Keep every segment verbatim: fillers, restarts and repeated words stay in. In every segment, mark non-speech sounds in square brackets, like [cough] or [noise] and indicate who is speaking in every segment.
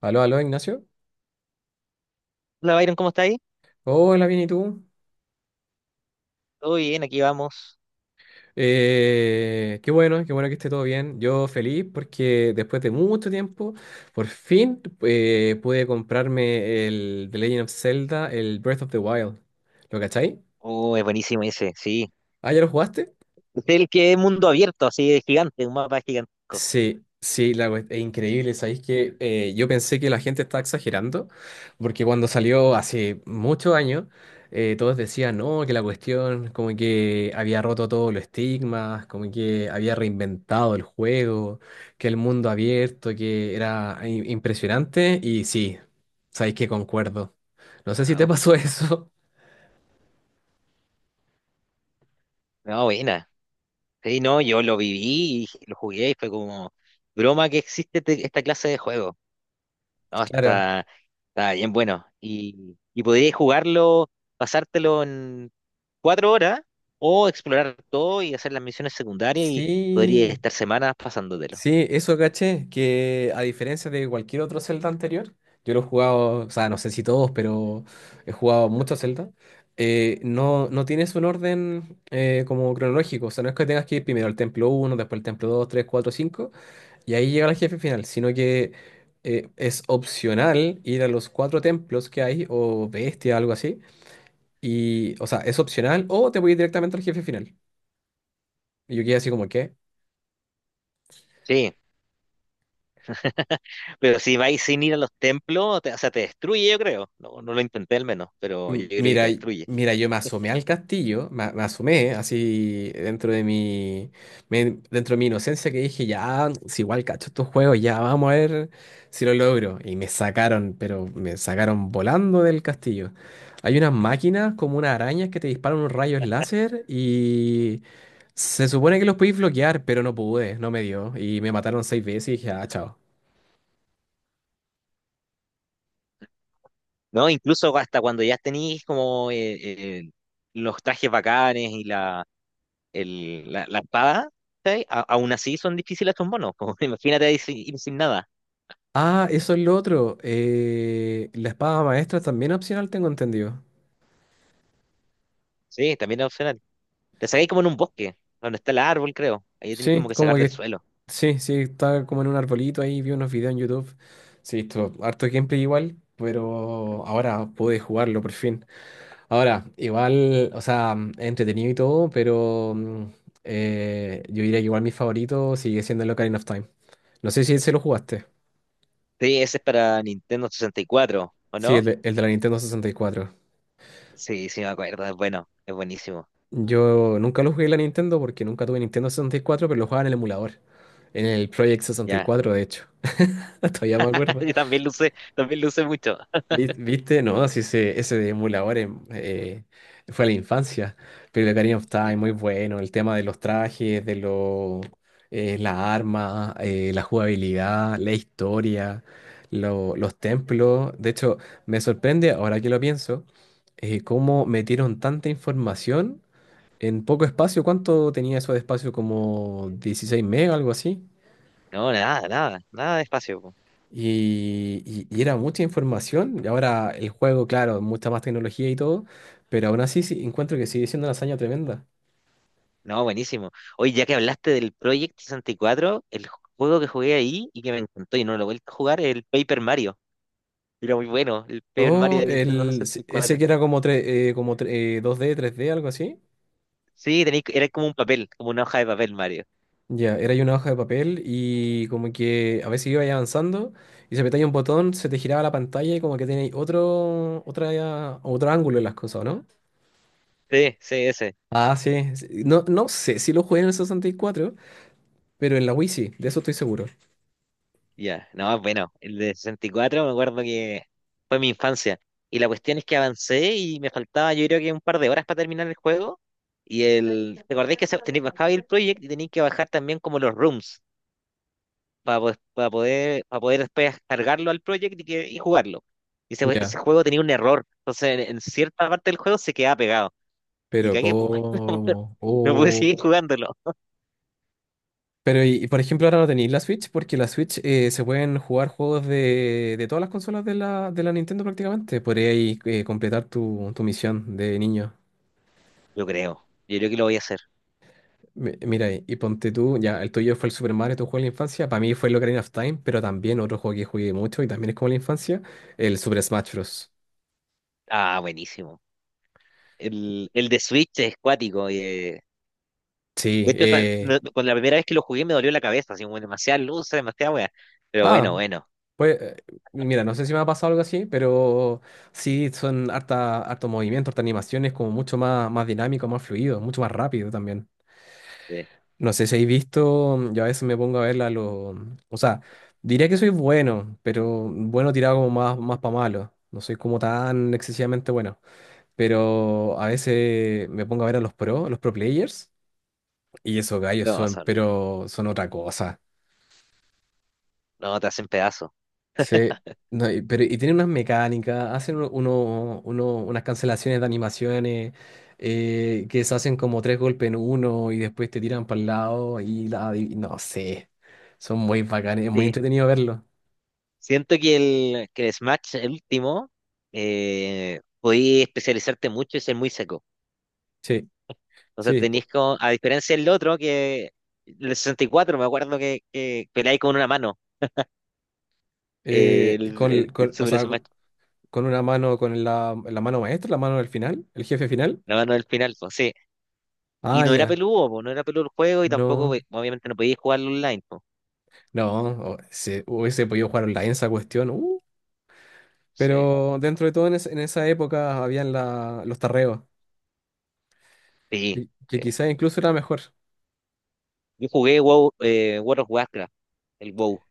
Speaker 1: Aló, aló, Ignacio.
Speaker 2: Hola Byron, ¿cómo está ahí?
Speaker 1: Hola, bien, ¿y tú?
Speaker 2: Todo bien, aquí vamos.
Speaker 1: Eh, qué bueno, qué bueno que esté todo bien. Yo feliz porque después de mucho tiempo, por fin eh, pude comprarme el The Legend of Zelda, el Breath of the Wild. ¿Lo cachai?
Speaker 2: Oh, es buenísimo ese, sí.
Speaker 1: ¿Ah, ya lo jugaste?
Speaker 2: Es el que es mundo abierto, así de gigante, un mapa gigantesco.
Speaker 1: Sí, sí, la, cuest- es increíble. Sabéis que eh, yo pensé que la gente estaba exagerando, porque cuando salió hace muchos años, eh, todos decían, no, que la cuestión como que había roto todos los estigmas, como que había reinventado el juego, que el mundo abierto, que era i- impresionante. Y sí, sabéis que concuerdo. No sé si te
Speaker 2: Wow.
Speaker 1: pasó [laughs] eso.
Speaker 2: No, buena. Sí, no, yo lo viví y lo jugué y fue como broma que existe te- esta clase de juego. No,
Speaker 1: Claro.
Speaker 2: está, está bien bueno. Y, y podrías jugarlo, pasártelo en cuatro horas o explorar todo y hacer las misiones secundarias y podrías
Speaker 1: Sí.
Speaker 2: estar semanas pasándotelo.
Speaker 1: Sí, eso caché, que a diferencia de cualquier otro Zelda anterior, yo lo he jugado, o sea, no sé si todos, pero he jugado muchos Zelda, eh, no, no tienes un orden eh, como cronológico, o sea, no es que tengas que ir primero al templo uno, después al templo dos, tres, cuatro, cinco, y ahí llega el jefe final, sino que eh, es opcional ir a los cuatro templos que hay, o bestia, algo así, y, o sea, es opcional, o te voy directamente al jefe final. Y yo quedé así como, ¿qué?
Speaker 2: Sí. Pero si vais sin ir a los templos, te- o sea, te destruye, yo creo. No, no lo intenté al menos, pero yo
Speaker 1: M-
Speaker 2: creo que te
Speaker 1: Mira, y-
Speaker 2: destruye.
Speaker 1: mira, yo me asomé al castillo, me, me asomé así dentro de mi, me- dentro de mi inocencia que dije, ya, si igual cacho estos juegos, ya vamos a ver si lo logro. Y me sacaron, pero me sacaron volando del castillo. Hay unas máquinas como unas arañas que te disparan unos rayos láser y se supone que los podéis bloquear, pero no pude, no me dio. Y me mataron seis veces y dije, ah, chao.
Speaker 2: ¿No? Incluso hasta cuando ya tenéis como eh, eh, los trajes bacanes y la, el, la, la espada, ¿sí? A- aún así son difíciles estos monos. Como, [laughs] imagínate ir sin, ir sin nada.
Speaker 1: Ah, eso es lo otro. Eh, la espada maestra también es opcional, tengo entendido.
Speaker 2: Sí, también es opcional. Te sacáis como en un bosque, donde está el árbol, creo. Ahí tenéis
Speaker 1: Sí,
Speaker 2: como que
Speaker 1: como
Speaker 2: sacar del
Speaker 1: que
Speaker 2: suelo.
Speaker 1: sí, sí, estaba como en un arbolito ahí, vi unos videos en YouTube. Sí, esto, harto gameplay igual, pero ahora pude jugarlo por fin. Ahora, igual, o sea, mm, es entretenido y todo, pero mm, eh, yo diría que igual mi favorito sigue siendo el Ocarina of Time. No sé si ese lo jugaste.
Speaker 2: Sí, ese es para Nintendo sesenta y cuatro, ¿o
Speaker 1: Sí, el
Speaker 2: no?
Speaker 1: de, el de la Nintendo sesenta y cuatro.
Speaker 2: Sí, sí, me acuerdo. Es bueno, es buenísimo.
Speaker 1: Yo nunca lo jugué en la Nintendo porque nunca tuve Nintendo sesenta y cuatro, pero lo jugaba en el emulador, en el Project sesenta y
Speaker 2: Ya,
Speaker 1: cuatro de hecho. [laughs] Todavía me
Speaker 2: [laughs]
Speaker 1: acuerdo.
Speaker 2: y también luce, también luce mucho.
Speaker 1: Vi- ¿Viste? No, si ese, ese de emuladores eh, fue a la infancia. Pero el Ocarina of Time, muy
Speaker 2: Felipa.
Speaker 1: bueno. El tema de los trajes, de lo eh, las armas, eh, la jugabilidad, la historia, lo- los templos. De hecho, me sorprende, ahora que lo pienso, eh, cómo metieron tanta información en poco espacio. ¿Cuánto tenía eso de espacio? Como dieciséis megas, algo así.
Speaker 2: No, nada, nada, nada de espacio. Po.
Speaker 1: Y, y- y era mucha información. Y ahora el juego, claro, mucha más tecnología y todo. Pero aún así sí, encuentro que sigue siendo una hazaña tremenda.
Speaker 2: No, buenísimo. Oye, ya que hablaste del Project sesenta y cuatro, el juego que jugué ahí y que me encantó y no lo he vuelto a jugar es el Paper Mario. Era muy bueno, el Paper Mario
Speaker 1: Oh,
Speaker 2: de Nintendo
Speaker 1: el,
Speaker 2: sesenta
Speaker 1: se-
Speaker 2: y
Speaker 1: ese
Speaker 2: cuatro.
Speaker 1: que era como, tre- eh, como tre- eh, dos D, tres d algo así.
Speaker 2: Sí, tenía, era como un papel, como una hoja de papel, Mario.
Speaker 1: Ya, era ahí una hoja de papel y como que a veces iba ahí avanzando y se apretaba un botón, se te giraba la pantalla y como que tenéis otro, otra, otro ángulo en las cosas, ¿o no?
Speaker 2: Sí, sí, ese.
Speaker 1: Ah, sí. Sí. No, no sé si lo jugué en el sesenta y cuatro pero en la Wii sí, de eso estoy seguro.
Speaker 2: Ya, no, bueno, el de sesenta y cuatro me acuerdo que fue mi infancia. Y la cuestión es que avancé y me faltaba yo creo que un par de horas para terminar el juego. Y el, ¿te acordáis que se- tenéis bajaba ahí el Project y tenéis que bajar también como los rooms? para, poder para poder, para poder después cargarlo al project y, que- y jugarlo. Y ese,
Speaker 1: Ya.
Speaker 2: ese juego tenía un error, entonces en, en cierta parte del juego se quedaba pegado. Y
Speaker 1: Pero
Speaker 2: cagué, pues, [laughs] no
Speaker 1: cómo.
Speaker 2: no pude
Speaker 1: Oh.
Speaker 2: seguir jugándolo.
Speaker 1: Pero y, y, por ejemplo ahora no tenéis la Switch porque la Switch eh, se pueden jugar juegos de, de todas las consolas de la, de la Nintendo prácticamente. Podríais eh, completar tu, tu misión de niño.
Speaker 2: Yo creo, yo creo que lo voy a hacer.
Speaker 1: Mi- Mira, y, y ponte tú, ya el tuyo fue el Super Mario, tu juego de la infancia. Para mí fue el Ocarina of Time, pero también otro juego que jugué mucho y también es como la infancia, el Super Smash Bros.
Speaker 2: Ah, buenísimo. El, el de Switch es cuático. Y, eh,
Speaker 1: Sí,
Speaker 2: de hecho, está-
Speaker 1: eh,
Speaker 2: no- con la primera vez que lo jugué me dolió la cabeza, así como demasiada luz, demasiada wea. Pero bueno,
Speaker 1: ah,
Speaker 2: bueno.
Speaker 1: pues, eh, mira, no sé si me ha pasado algo así, pero sí son harta, harto movimiento, harta animaciones, como mucho más, más dinámico, más fluido, mucho más rápido también.
Speaker 2: eh,
Speaker 1: No sé si habéis visto, mm, yo a veces me pongo a verla, lo, mm, o sea, diría que soy bueno, pero bueno tirado como más, más para malo. No soy como tan excesivamente bueno, pero a veces me pongo a ver a los pro, los pro players, y esos gallos
Speaker 2: no,
Speaker 1: son,
Speaker 2: son,
Speaker 1: pero son otra cosa.
Speaker 2: no, te hacen pedazo.
Speaker 1: Sí, no, y, pero, y tienen unas mecánicas, hacen uno, uno- uno- unas cancelaciones de animaciones eh, que se hacen como tres golpes en uno y después te tiran para el lado y la, y no sé, son muy bacanes, es muy
Speaker 2: Sí.
Speaker 1: entretenido verlo.
Speaker 2: Siento que el, que el Smash, el último, eh, podí especializarte mucho y ser muy seco.
Speaker 1: Sí,
Speaker 2: Entonces
Speaker 1: sí, po-
Speaker 2: tenéis como, a diferencia del otro, que el sesenta y cuatro me acuerdo que, que peleáis con una mano, eh,
Speaker 1: eh,
Speaker 2: el,
Speaker 1: con,
Speaker 2: el-
Speaker 1: el-
Speaker 2: el
Speaker 1: con- o
Speaker 2: Super
Speaker 1: sea,
Speaker 2: Smash,
Speaker 1: co- con una mano, con la, la mano maestra, la mano del final, el jefe final.
Speaker 2: la mano del final, pues sí. Y
Speaker 1: Ah,
Speaker 2: no era
Speaker 1: ya,
Speaker 2: peludo, po, no era peludo el juego y tampoco,
Speaker 1: no,
Speaker 2: pues, obviamente, no podíais jugarlo online, pues.
Speaker 1: no, o- se, hubiese podido jugar online esa cuestión.
Speaker 2: Sí,
Speaker 1: Pero dentro de todo, en, es- en esa época habían la- los tarreos,
Speaker 2: sí,
Speaker 1: que, que
Speaker 2: sí.
Speaker 1: quizás incluso era mejor
Speaker 2: Yo jugué WoW, eh, World of Warcraft, el WoW.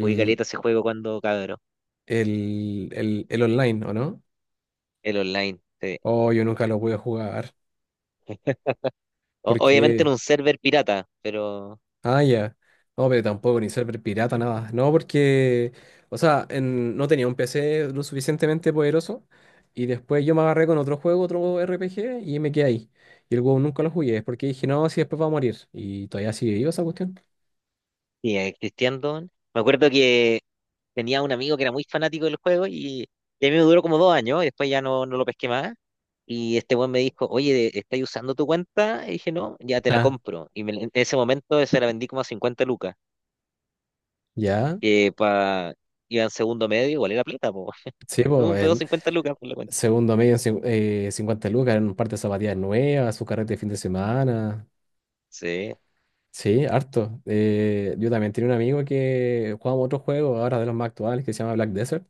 Speaker 2: Jugué caleta ese juego cuando cabrón,
Speaker 1: el, el, el online, ¿o no?
Speaker 2: el online. Sí.
Speaker 1: Oh, yo nunca lo voy a jugar,
Speaker 2: O- obviamente en
Speaker 1: porque...
Speaker 2: un server pirata, pero
Speaker 1: Ah, ya. No, pero tampoco, ni server pirata, nada. No, porque, o sea, en- no tenía un P C lo suficientemente poderoso, y después yo me agarré con otro juego, otro R P G, y me quedé ahí. Y el juego nunca lo jugué, porque dije, no, si después va a morir, y todavía sigue vivo esa cuestión.
Speaker 2: sí, eh, Christian Dawn. Me acuerdo que tenía un amigo que era muy fanático del juego y, y a mí me duró como dos años y después ya no, no lo pesqué más. Y este weón me dijo, oye, ¿estáis usando tu cuenta? Y dije, no, ya te la
Speaker 1: Ah,
Speaker 2: compro. Y me- en ese momento se la vendí como a cincuenta lucas,
Speaker 1: ya.
Speaker 2: que para iba en segundo medio, igual era plata, po. [laughs]
Speaker 1: Sí,
Speaker 2: Me
Speaker 1: pues.
Speaker 2: pegó cincuenta lucas por la cuenta.
Speaker 1: Segundo medio en cin- eh, cincuenta lucas, en un par de zapatillas nuevas, su carrete de fin de semana.
Speaker 2: Sí.
Speaker 1: Sí, harto. Eh, yo también tenía un amigo que jugaba otro juego ahora de los más actuales que se llama Black Desert.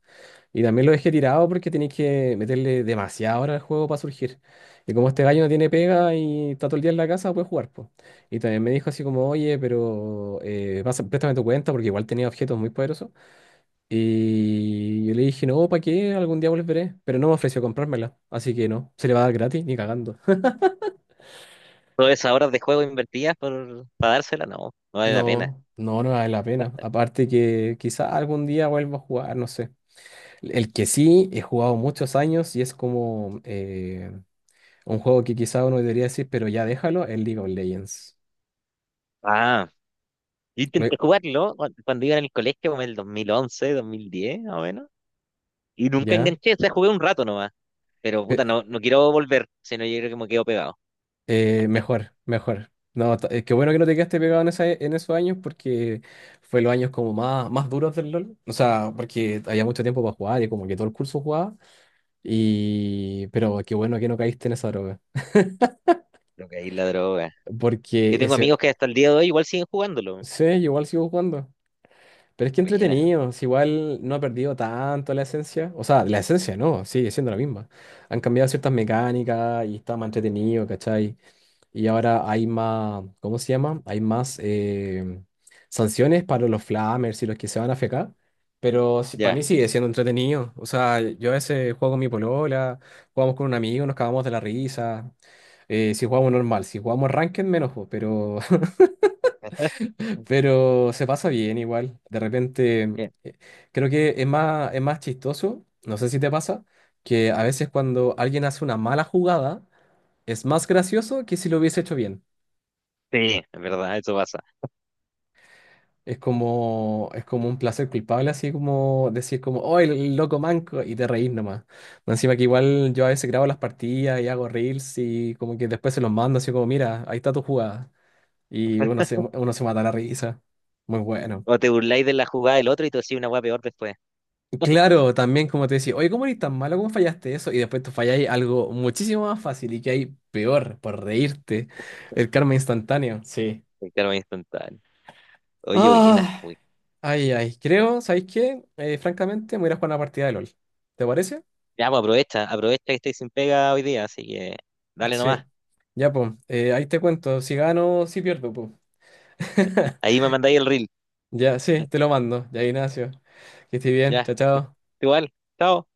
Speaker 1: Y también lo dejé tirado porque tenéis que meterle demasiada hora al juego para surgir. Y como este gallo no tiene pega y está todo el día en la casa, puede jugar, po. Y también me dijo así como, oye, pero eh, pasa- préstame tu cuenta porque igual tenía objetos muy poderosos. Y yo le dije, no, ¿para qué? Algún día volveré. Pero no me ofreció comprármela. Así que no, se le va a dar gratis, ni cagando. [laughs]
Speaker 2: Todas esas horas de juego invertidas por, para dársela, no, no vale la pena.
Speaker 1: No, no, no vale la pena. Aparte que quizá algún día vuelva a jugar, no sé. El que sí, he jugado muchos años y es como eh, un juego que quizá uno debería decir, pero ya déjalo, el League of Legends.
Speaker 2: Ah, yo intenté
Speaker 1: Lo-
Speaker 2: jugarlo cu- cuando iba en el colegio, como en el dos mil once, dos mil diez, más o menos. Y nunca
Speaker 1: ¿Ya?
Speaker 2: enganché, o sea, jugué un rato nomás. Pero puta,
Speaker 1: eh,
Speaker 2: no, no quiero volver, sino yo creo que me quedo pegado.
Speaker 1: Eh, mejor, mejor. No, t- eh, qué bueno que no te quedaste pegado en, esa, en esos años porque fue los años como más, más duros del LOL. O sea, porque había mucho tiempo para jugar y como que todo el curso jugaba. Y... Pero qué bueno que no caíste en esa droga.
Speaker 2: Creo que ahí la droga. Yo
Speaker 1: Porque
Speaker 2: tengo
Speaker 1: ese...
Speaker 2: amigos que hasta el día de hoy igual siguen jugándolo.
Speaker 1: Sí, yo igual sigo jugando. Pero es que
Speaker 2: Buena,
Speaker 1: entretenido. Si igual no ha perdido tanto la esencia. O sea, la esencia no, sigue siendo la misma. Han cambiado ciertas mecánicas y está más entretenido, ¿cachai? Y ahora hay más, ¿cómo se llama? Hay más eh, sanciones para los flamers y los que se van a fecar. Pero sí- para
Speaker 2: ya.
Speaker 1: mí sigue siendo entretenido. O sea, yo a veces juego con mi polola, jugamos con un amigo, nos cagamos de la risa. Eh, si jugamos normal, si jugamos ranked, menos, po, pero,
Speaker 2: [laughs]
Speaker 1: [laughs] pero se pasa bien igual. De repente, eh, creo que es más, es más chistoso, no sé si te pasa, que a veces cuando alguien hace una mala jugada, es más gracioso que si lo hubiese hecho bien.
Speaker 2: Sí, es verdad, eso pasa.
Speaker 1: Es como, es como un placer culpable, así como decir como, oh, el, el loco manco, y te reís nomás. Más encima que igual yo a veces grabo las partidas y hago reels y como que después se los mando así como, mira, ahí está tu jugada. Y uno se, uno se mata la risa. Muy bueno.
Speaker 2: O te burláis de la jugada del otro y te decís una hueá peor después.
Speaker 1: Claro, también como te decía, oye, ¿cómo eres tan malo? ¿Cómo fallaste eso? Y después tú falláis algo muchísimo más fácil y que hay peor por reírte. El karma instantáneo. Sí.
Speaker 2: Porque claro, es instantáneo. Oye, buena,
Speaker 1: Ah,
Speaker 2: uy.
Speaker 1: ay, ay, creo, ¿sabéis qué? Eh, francamente, me voy a ir a jugar una partida de LOL. ¿Te parece?
Speaker 2: Ya, pues aprovecha, aprovecha que estoy sin pega hoy día, así que dale
Speaker 1: Sí.
Speaker 2: nomás.
Speaker 1: Ya, pues, ahí te cuento. Si gano, si pierdo, pues. [laughs]
Speaker 2: Ahí me mandáis el reel.
Speaker 1: Ya, sí, te lo mando. Ya, Ignacio. Que estés bien.
Speaker 2: Ya,
Speaker 1: Chao, chao.
Speaker 2: igual, chao.